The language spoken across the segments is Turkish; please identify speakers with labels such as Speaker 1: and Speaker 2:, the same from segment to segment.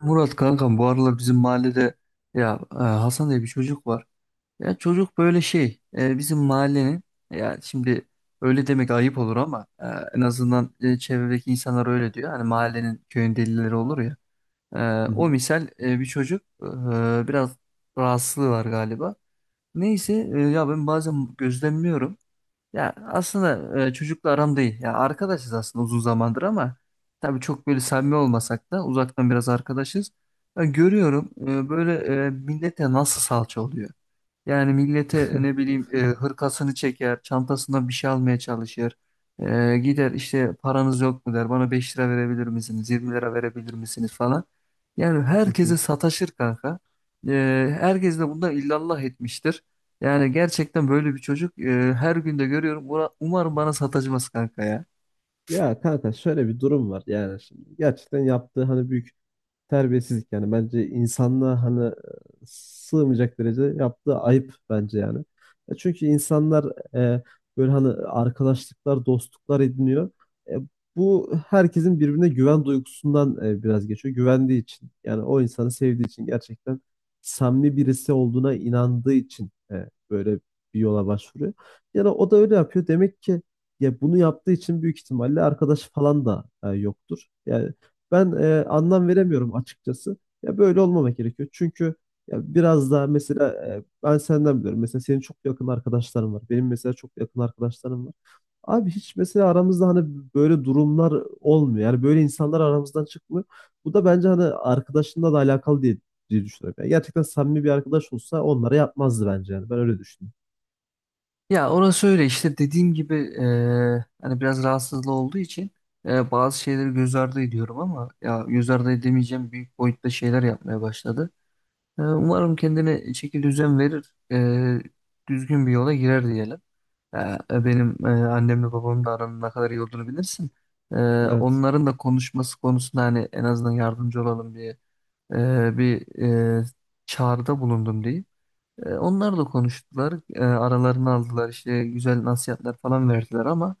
Speaker 1: Murat kankam bu aralar bizim mahallede ya Hasan diye bir çocuk var. Ya çocuk böyle şey bizim mahallenin ya şimdi öyle demek ayıp olur ama en azından çevredeki insanlar öyle diyor. Hani mahallenin köyün delileri olur ya.
Speaker 2: Hı
Speaker 1: O
Speaker 2: hı.
Speaker 1: misal bir çocuk biraz rahatsızlığı var galiba. Neyse ya ben bazen gözlemliyorum. Ya aslında çocukla aram değil. Ya arkadaşız aslında uzun zamandır ama tabii çok böyle samimi olmasak da uzaktan biraz arkadaşız. Ya görüyorum böyle millete nasıl salça oluyor. Yani millete ne bileyim hırkasını çeker, çantasından bir şey almaya çalışır. Gider işte paranız yok mu der, bana 5 TL verebilir misiniz, 20 TL verebilir misiniz falan. Yani
Speaker 2: Hı
Speaker 1: herkese
Speaker 2: hı.
Speaker 1: sataşır kanka. E, Herkes de bundan illallah etmiştir. Yani gerçekten böyle bir çocuk her gün de görüyorum. Umarım bana sataşmaz kanka ya.
Speaker 2: Ya kanka şöyle bir durum var yani şimdi gerçekten yaptığı hani büyük terbiyesizlik yani bence insanlığa hani sığmayacak derecede yaptığı ayıp bence yani. E, Çünkü insanlar e, böyle hani arkadaşlıklar, dostluklar ediniyor. E, bu herkesin birbirine güven duygusundan biraz geçiyor. Güvendiği için yani o insanı sevdiği için gerçekten samimi birisi olduğuna inandığı için böyle bir yola başvuruyor. Yani o da öyle yapıyor. Demek ki ya bunu yaptığı için büyük ihtimalle arkadaş falan da yoktur. Yani ben anlam veremiyorum açıkçası. Ya böyle olmamak gerekiyor. Çünkü ya biraz daha mesela ben senden biliyorum. Mesela senin çok yakın arkadaşların var. Benim mesela çok yakın arkadaşlarım var. Abi hiç mesela aramızda hani böyle durumlar olmuyor. Yani böyle insanlar aramızdan çıkmıyor. Bu da bence hani arkadaşınla da alakalı diye düşünüyorum. Yani gerçekten samimi bir arkadaş olsa onlara yapmazdı bence yani. Ben öyle düşünüyorum.
Speaker 1: Ya orası öyle işte dediğim gibi hani biraz rahatsızlığı olduğu için bazı şeyleri göz ardı ediyorum ama ya göz ardı edemeyeceğim büyük boyutta şeyler yapmaya başladı. Umarım kendine şekil düzen verir, düzgün bir yola girer diyelim. Eee, Benim annemle babamın da aranın ne kadar iyi olduğunu bilirsin. Eee,
Speaker 2: Evet.
Speaker 1: Onların da konuşması konusunda hani en azından yardımcı olalım diye bir eee, çağrıda bulundum diyeyim. Onlar da konuştular. Aralarını aldılar işte güzel nasihatler falan verdiler ama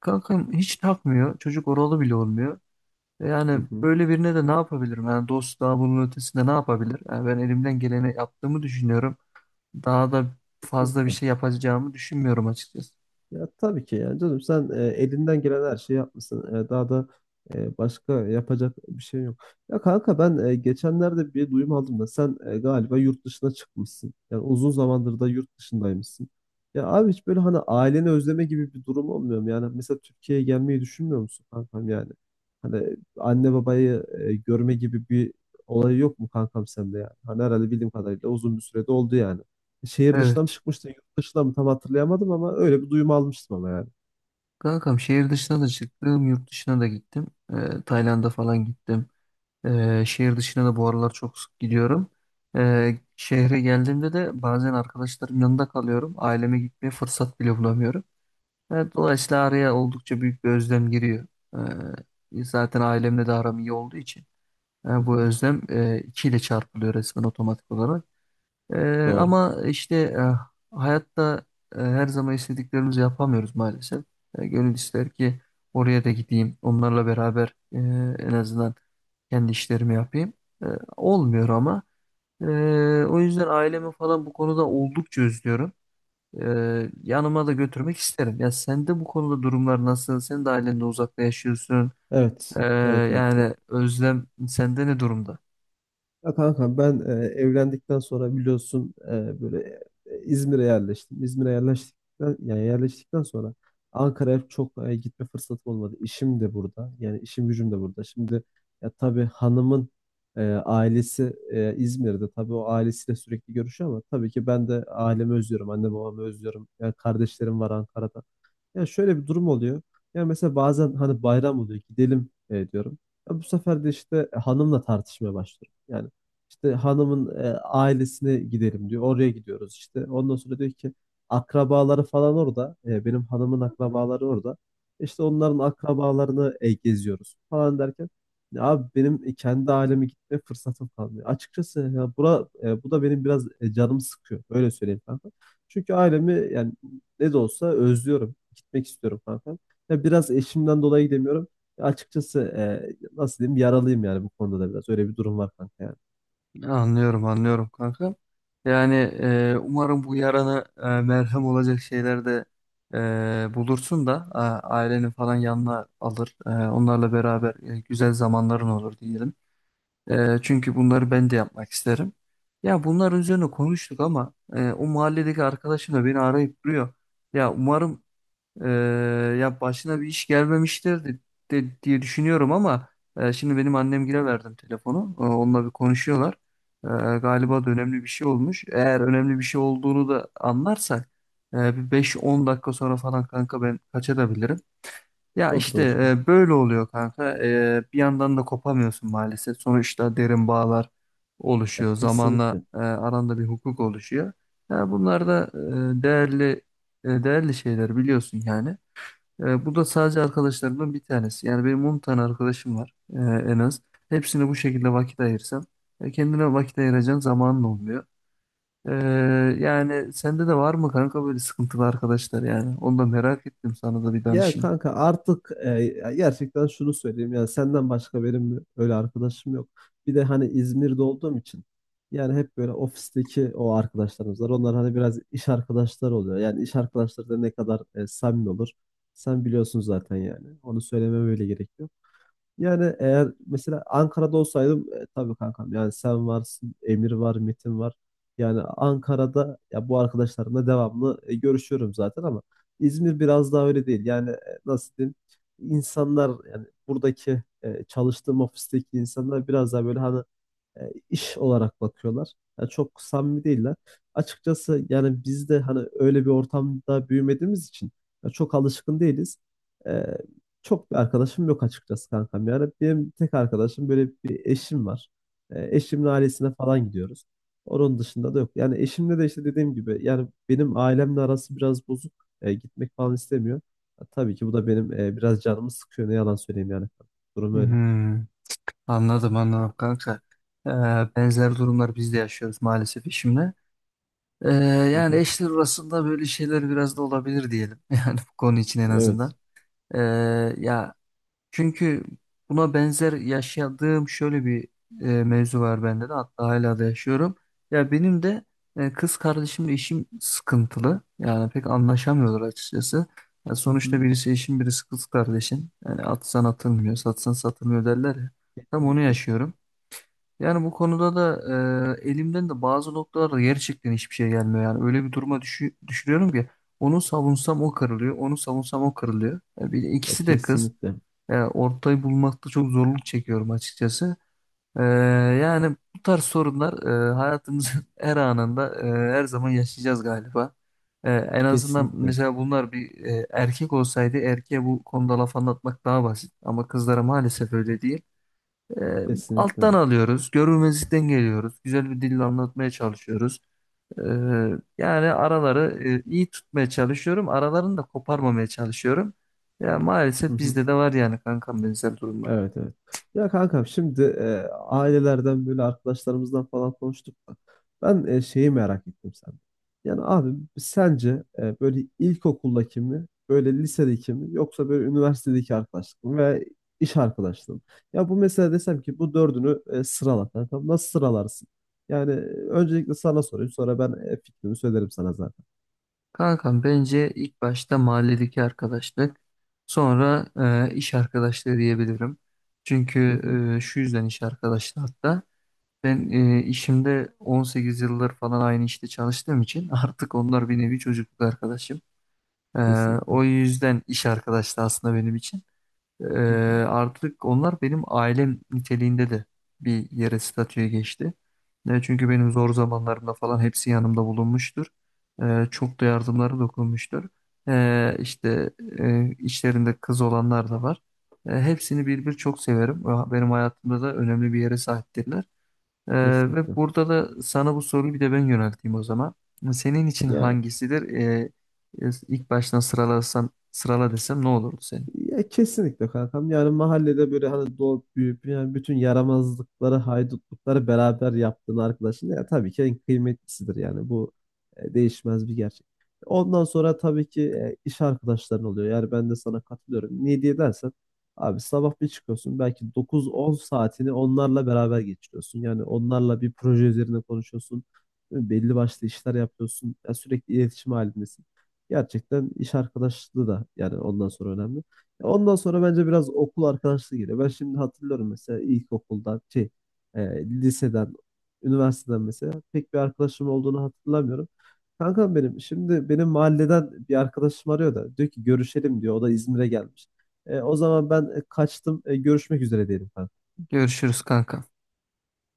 Speaker 1: kankam hiç takmıyor. Çocuk oralı bile olmuyor. E,
Speaker 2: Hı
Speaker 1: Yani
Speaker 2: hı.
Speaker 1: böyle birine de ne yapabilirim? Yani dost daha bunun ötesinde ne yapabilir? Yani ben elimden geleni yaptığımı düşünüyorum. Daha da fazla bir
Speaker 2: Kesinlikle.
Speaker 1: şey yapacağımı düşünmüyorum açıkçası.
Speaker 2: Ya tabii ki yani canım sen elinden gelen her şeyi yapmışsın. E, daha da başka yapacak bir şey yok. Ya kanka ben geçenlerde bir duyum aldım da sen galiba yurt dışına çıkmışsın. Yani uzun zamandır da yurt dışındaymışsın. Ya abi hiç böyle hani aileni özleme gibi bir durum olmuyor mu? Yani mesela Türkiye'ye gelmeyi düşünmüyor musun kankam yani? Hani anne babayı görme gibi bir olay yok mu kankam sende yani? Hani herhalde bildiğim kadarıyla uzun bir sürede oldu yani. Şehir dışına mı
Speaker 1: Evet.
Speaker 2: çıkmıştı, yurt dışına mı tam hatırlayamadım ama öyle bir duyum almıştım ama yani.
Speaker 1: Kankam şehir dışına da çıktım, yurt dışına da gittim. Tayland'a falan gittim. Şehir dışına da bu aralar çok sık gidiyorum. Şehre geldiğimde de bazen arkadaşlarım yanında kalıyorum. Aileme gitmeye fırsat bile bulamıyorum. Evet, dolayısıyla araya oldukça büyük bir özlem giriyor. Zaten ailemle de aram iyi olduğu için
Speaker 2: Hı
Speaker 1: bu
Speaker 2: hı.
Speaker 1: özlem iki ile çarpılıyor resmen otomatik olarak. Ee,
Speaker 2: Doğru.
Speaker 1: Ama işte hayatta her zaman istediklerimizi yapamıyoruz maalesef. Gönül ister ki oraya da gideyim, onlarla beraber en azından kendi işlerimi yapayım. E, Olmuyor ama. E, O yüzden ailemi falan bu konuda oldukça özlüyorum. Yanıma da götürmek isterim. Ya sen de bu konuda durumlar nasıl? Sen de ailende uzakta yaşıyorsun. E,
Speaker 2: Evet. Evet, evet.
Speaker 1: Yani özlem sende ne durumda?
Speaker 2: Ya kanka ben evlendikten sonra biliyorsun böyle İzmir'e yerleştim. İzmir'e yerleştikten sonra Ankara'ya çok gitme fırsatım olmadı. İşim de burada. Yani işim gücüm de burada. Şimdi ya tabii hanımın ailesi İzmir'de. Tabii o ailesiyle sürekli görüşüyor ama tabii ki ben de ailemi özlüyorum. Anne babamı özlüyorum. Yani kardeşlerim var Ankara'da. Yani şöyle bir durum oluyor. Yani mesela bazen hani bayram oluyor gidelim diyorum. Ya bu sefer de işte hanımla tartışmaya başlıyorum. Yani işte hanımın ailesine gidelim diyor. Oraya gidiyoruz işte. Ondan sonra diyor ki akrabaları falan orada. E, benim hanımın akrabaları orada. İşte onların akrabalarını geziyoruz falan derken ya abi benim kendi aileme gitme fırsatım kalmıyor. Açıkçası ya bu da benim biraz canımı sıkıyor. Öyle söyleyeyim kanka. Çünkü ailemi yani ne de olsa özlüyorum. Gitmek istiyorum kankam. Ya biraz eşimden dolayı gidemiyorum. Ya açıkçası nasıl diyeyim yaralıyım yani bu konuda da biraz. Öyle bir durum var kanka yani.
Speaker 1: Anlıyorum, anlıyorum kanka. Yani umarım bu yarana merhem olacak şeyler de bulursun da ailenin falan yanına alır. Onlarla beraber güzel zamanların olur diyelim. Çünkü bunları ben de yapmak isterim. Ya bunlar üzerine konuştuk ama o mahalledeki arkadaşım da beni arayıp duruyor. Ya umarım ee, ya başına bir iş gelmemiştir diye düşünüyorum ama şimdi benim annemgile verdim telefonu. Onunla bir konuşuyorlar. Ee, Galiba da önemli bir şey olmuş. Eğer önemli bir şey olduğunu da anlarsak bir 5-10 dakika sonra falan kanka ben kaçabilirim. Ya
Speaker 2: Olur,
Speaker 1: işte
Speaker 2: olur kanka.
Speaker 1: böyle oluyor kanka. Bir yandan da kopamıyorsun maalesef. Sonuçta derin bağlar
Speaker 2: Ya
Speaker 1: oluşuyor. Zamanla
Speaker 2: kesinlikle.
Speaker 1: aranda bir hukuk oluşuyor. Ya bunlar da değerli değerli şeyler biliyorsun yani. Bu da sadece arkadaşlarımdan bir tanesi. Yani benim 10 tane arkadaşım var en az. Hepsine bu şekilde vakit ayırsam kendine vakit ayıracağın zamanın olmuyor. Ee, Yani sende de var mı kanka böyle sıkıntılı arkadaşlar yani? Onu da merak ettim sana da bir
Speaker 2: Ya
Speaker 1: danışayım.
Speaker 2: kanka artık ya gerçekten şunu söyleyeyim. Yani senden başka benim öyle arkadaşım yok. Bir de hani İzmir'de olduğum için yani hep böyle ofisteki o arkadaşlarımız var. Onlar hani biraz iş arkadaşları oluyor. Yani iş arkadaşları da ne kadar samimi olur. Sen biliyorsun zaten yani. Onu söylememe öyle gerek yok. Yani eğer mesela Ankara'da olsaydım tabii kankam yani sen varsın, Emir var, Metin var. Yani Ankara'da ya bu arkadaşlarımla devamlı görüşüyorum zaten ama İzmir biraz daha öyle değil. Yani nasıl diyeyim? İnsanlar yani buradaki çalıştığım ofisteki insanlar biraz daha böyle hani iş olarak bakıyorlar. Yani çok samimi değiller. Açıkçası yani biz de hani öyle bir ortamda büyümediğimiz için ya çok alışkın değiliz. E, çok bir arkadaşım yok açıkçası kankam. Yani benim tek arkadaşım böyle bir eşim var. E, eşimin ailesine falan gidiyoruz. Onun dışında da yok. Yani eşimle de işte dediğim gibi yani benim ailemle arası biraz bozuk. E, gitmek falan istemiyor. Ya tabii ki bu da benim biraz canımı sıkıyor. Ne yalan söyleyeyim yani. Durum öyle.
Speaker 1: Hmm, anladım anladım kanka. Ee, Benzer durumlar biz de yaşıyoruz maalesef işimle. Ee,
Speaker 2: Hı
Speaker 1: Yani
Speaker 2: hı.
Speaker 1: eşler arasında böyle şeyler biraz da olabilir diyelim. Yani bu konu için en azından.
Speaker 2: Evet.
Speaker 1: Ee, Ya çünkü buna benzer yaşadığım şöyle bir mevzu var bende de hatta hala da yaşıyorum. Ya benim de kız kardeşimle işim sıkıntılı. Yani pek anlaşamıyorlar açıkçası. Ya
Speaker 2: Hı
Speaker 1: sonuçta
Speaker 2: hı.
Speaker 1: birisi eşim birisi kız kardeşin. Yani atsan atılmıyor, satsan satılmıyor derler ya. Tam onu
Speaker 2: Kesinlikle.
Speaker 1: yaşıyorum. Yani bu konuda da elimden de bazı noktalarda gerçekten hiçbir şey gelmiyor. Yani öyle bir duruma düşürüyorum ki onu savunsam o kırılıyor, onu savunsam o kırılıyor. Ya bir de
Speaker 2: Ya
Speaker 1: ikisi de kız.
Speaker 2: kesinlikle.
Speaker 1: Ya ortayı bulmakta çok zorluk çekiyorum açıkçası. Ee, Yani bu tarz sorunlar hayatımızın her anında her zaman yaşayacağız galiba. En azından
Speaker 2: Kesinlikle.
Speaker 1: mesela bunlar bir erkek olsaydı erkeğe bu konuda laf anlatmak daha basit. Ama kızlara maalesef öyle değil. Ee, Alttan
Speaker 2: Kesinlikle.
Speaker 1: alıyoruz, görmezlikten geliyoruz, güzel bir dille anlatmaya çalışıyoruz. Ee, Yani araları iyi tutmaya çalışıyorum. Aralarını da koparmamaya çalışıyorum. Ya
Speaker 2: Hı
Speaker 1: maalesef
Speaker 2: hı.
Speaker 1: bizde de var yani kankam benzer durumlar.
Speaker 2: Evet, evet. Ya kankam şimdi ailelerden böyle arkadaşlarımızdan falan konuştuk da ben şeyi merak ettim sen. Yani abi sence böyle ilkokuldaki mi böyle lisedeki mi yoksa böyle üniversitedeki arkadaşlık mı ve iş arkadaşlığı mı? Ya bu mesela desem ki bu dördünü sırala kankam nasıl sıralarsın? Yani öncelikle sana sorayım sonra ben fikrimi söylerim sana zaten.
Speaker 1: Kankam bence ilk başta mahalledeki arkadaşlık, sonra iş arkadaşlığı diyebilirim.
Speaker 2: Hı
Speaker 1: Çünkü
Speaker 2: hı.
Speaker 1: şu yüzden iş arkadaşlığı hatta ben işimde 18 yıllar falan aynı işte çalıştığım için artık onlar bir nevi çocukluk arkadaşım. Ee,
Speaker 2: Kesinlikle.
Speaker 1: O yüzden iş arkadaşlığı aslında benim için. Ee,
Speaker 2: Hı hı.
Speaker 1: Artık onlar benim ailem niteliğinde de bir yere statüye geçti. Ne çünkü benim zor zamanlarımda falan hepsi yanımda bulunmuştur. Çok da yardımları dokunmuştur. İşte içlerinde kız olanlar da var. Hepsini bir bir çok severim. Benim hayatımda da önemli bir yere sahiptirler. Ee, Ve
Speaker 2: Kesinlikle.
Speaker 1: burada da sana bu soruyu bir de ben yönelteyim o zaman. Senin için
Speaker 2: Ya
Speaker 1: hangisidir? İlk baştan sıralasam, sırala desem ne olurdu senin?
Speaker 2: Ya kesinlikle kankam. Yani mahallede böyle hani doğup büyüyüp yani bütün yaramazlıkları, haydutlukları beraber yaptığın arkadaşın ya tabii ki en kıymetlisidir yani. Bu değişmez bir gerçek. Ondan sonra tabii ki iş arkadaşların oluyor. Yani ben de sana katılıyorum. Niye diye dersen abi sabah bir çıkıyorsun belki dokuz on saatini onlarla beraber geçiriyorsun. Yani onlarla bir proje üzerine konuşuyorsun. Belli başlı işler yapıyorsun. Ya sürekli iletişim halindesin. Gerçekten iş arkadaşlığı da yani ondan sonra önemli. Ondan sonra bence biraz okul arkadaşlığı geliyor. Ben şimdi hatırlıyorum mesela ilkokuldan, e, liseden, üniversiteden mesela pek bir arkadaşım olduğunu hatırlamıyorum. Kankam benim şimdi benim mahalleden bir arkadaşım arıyor da diyor ki görüşelim diyor. O da İzmir'e gelmiş. E, o zaman ben kaçtım. E, görüşmek üzere diyelim kankam.
Speaker 1: Görüşürüz kanka.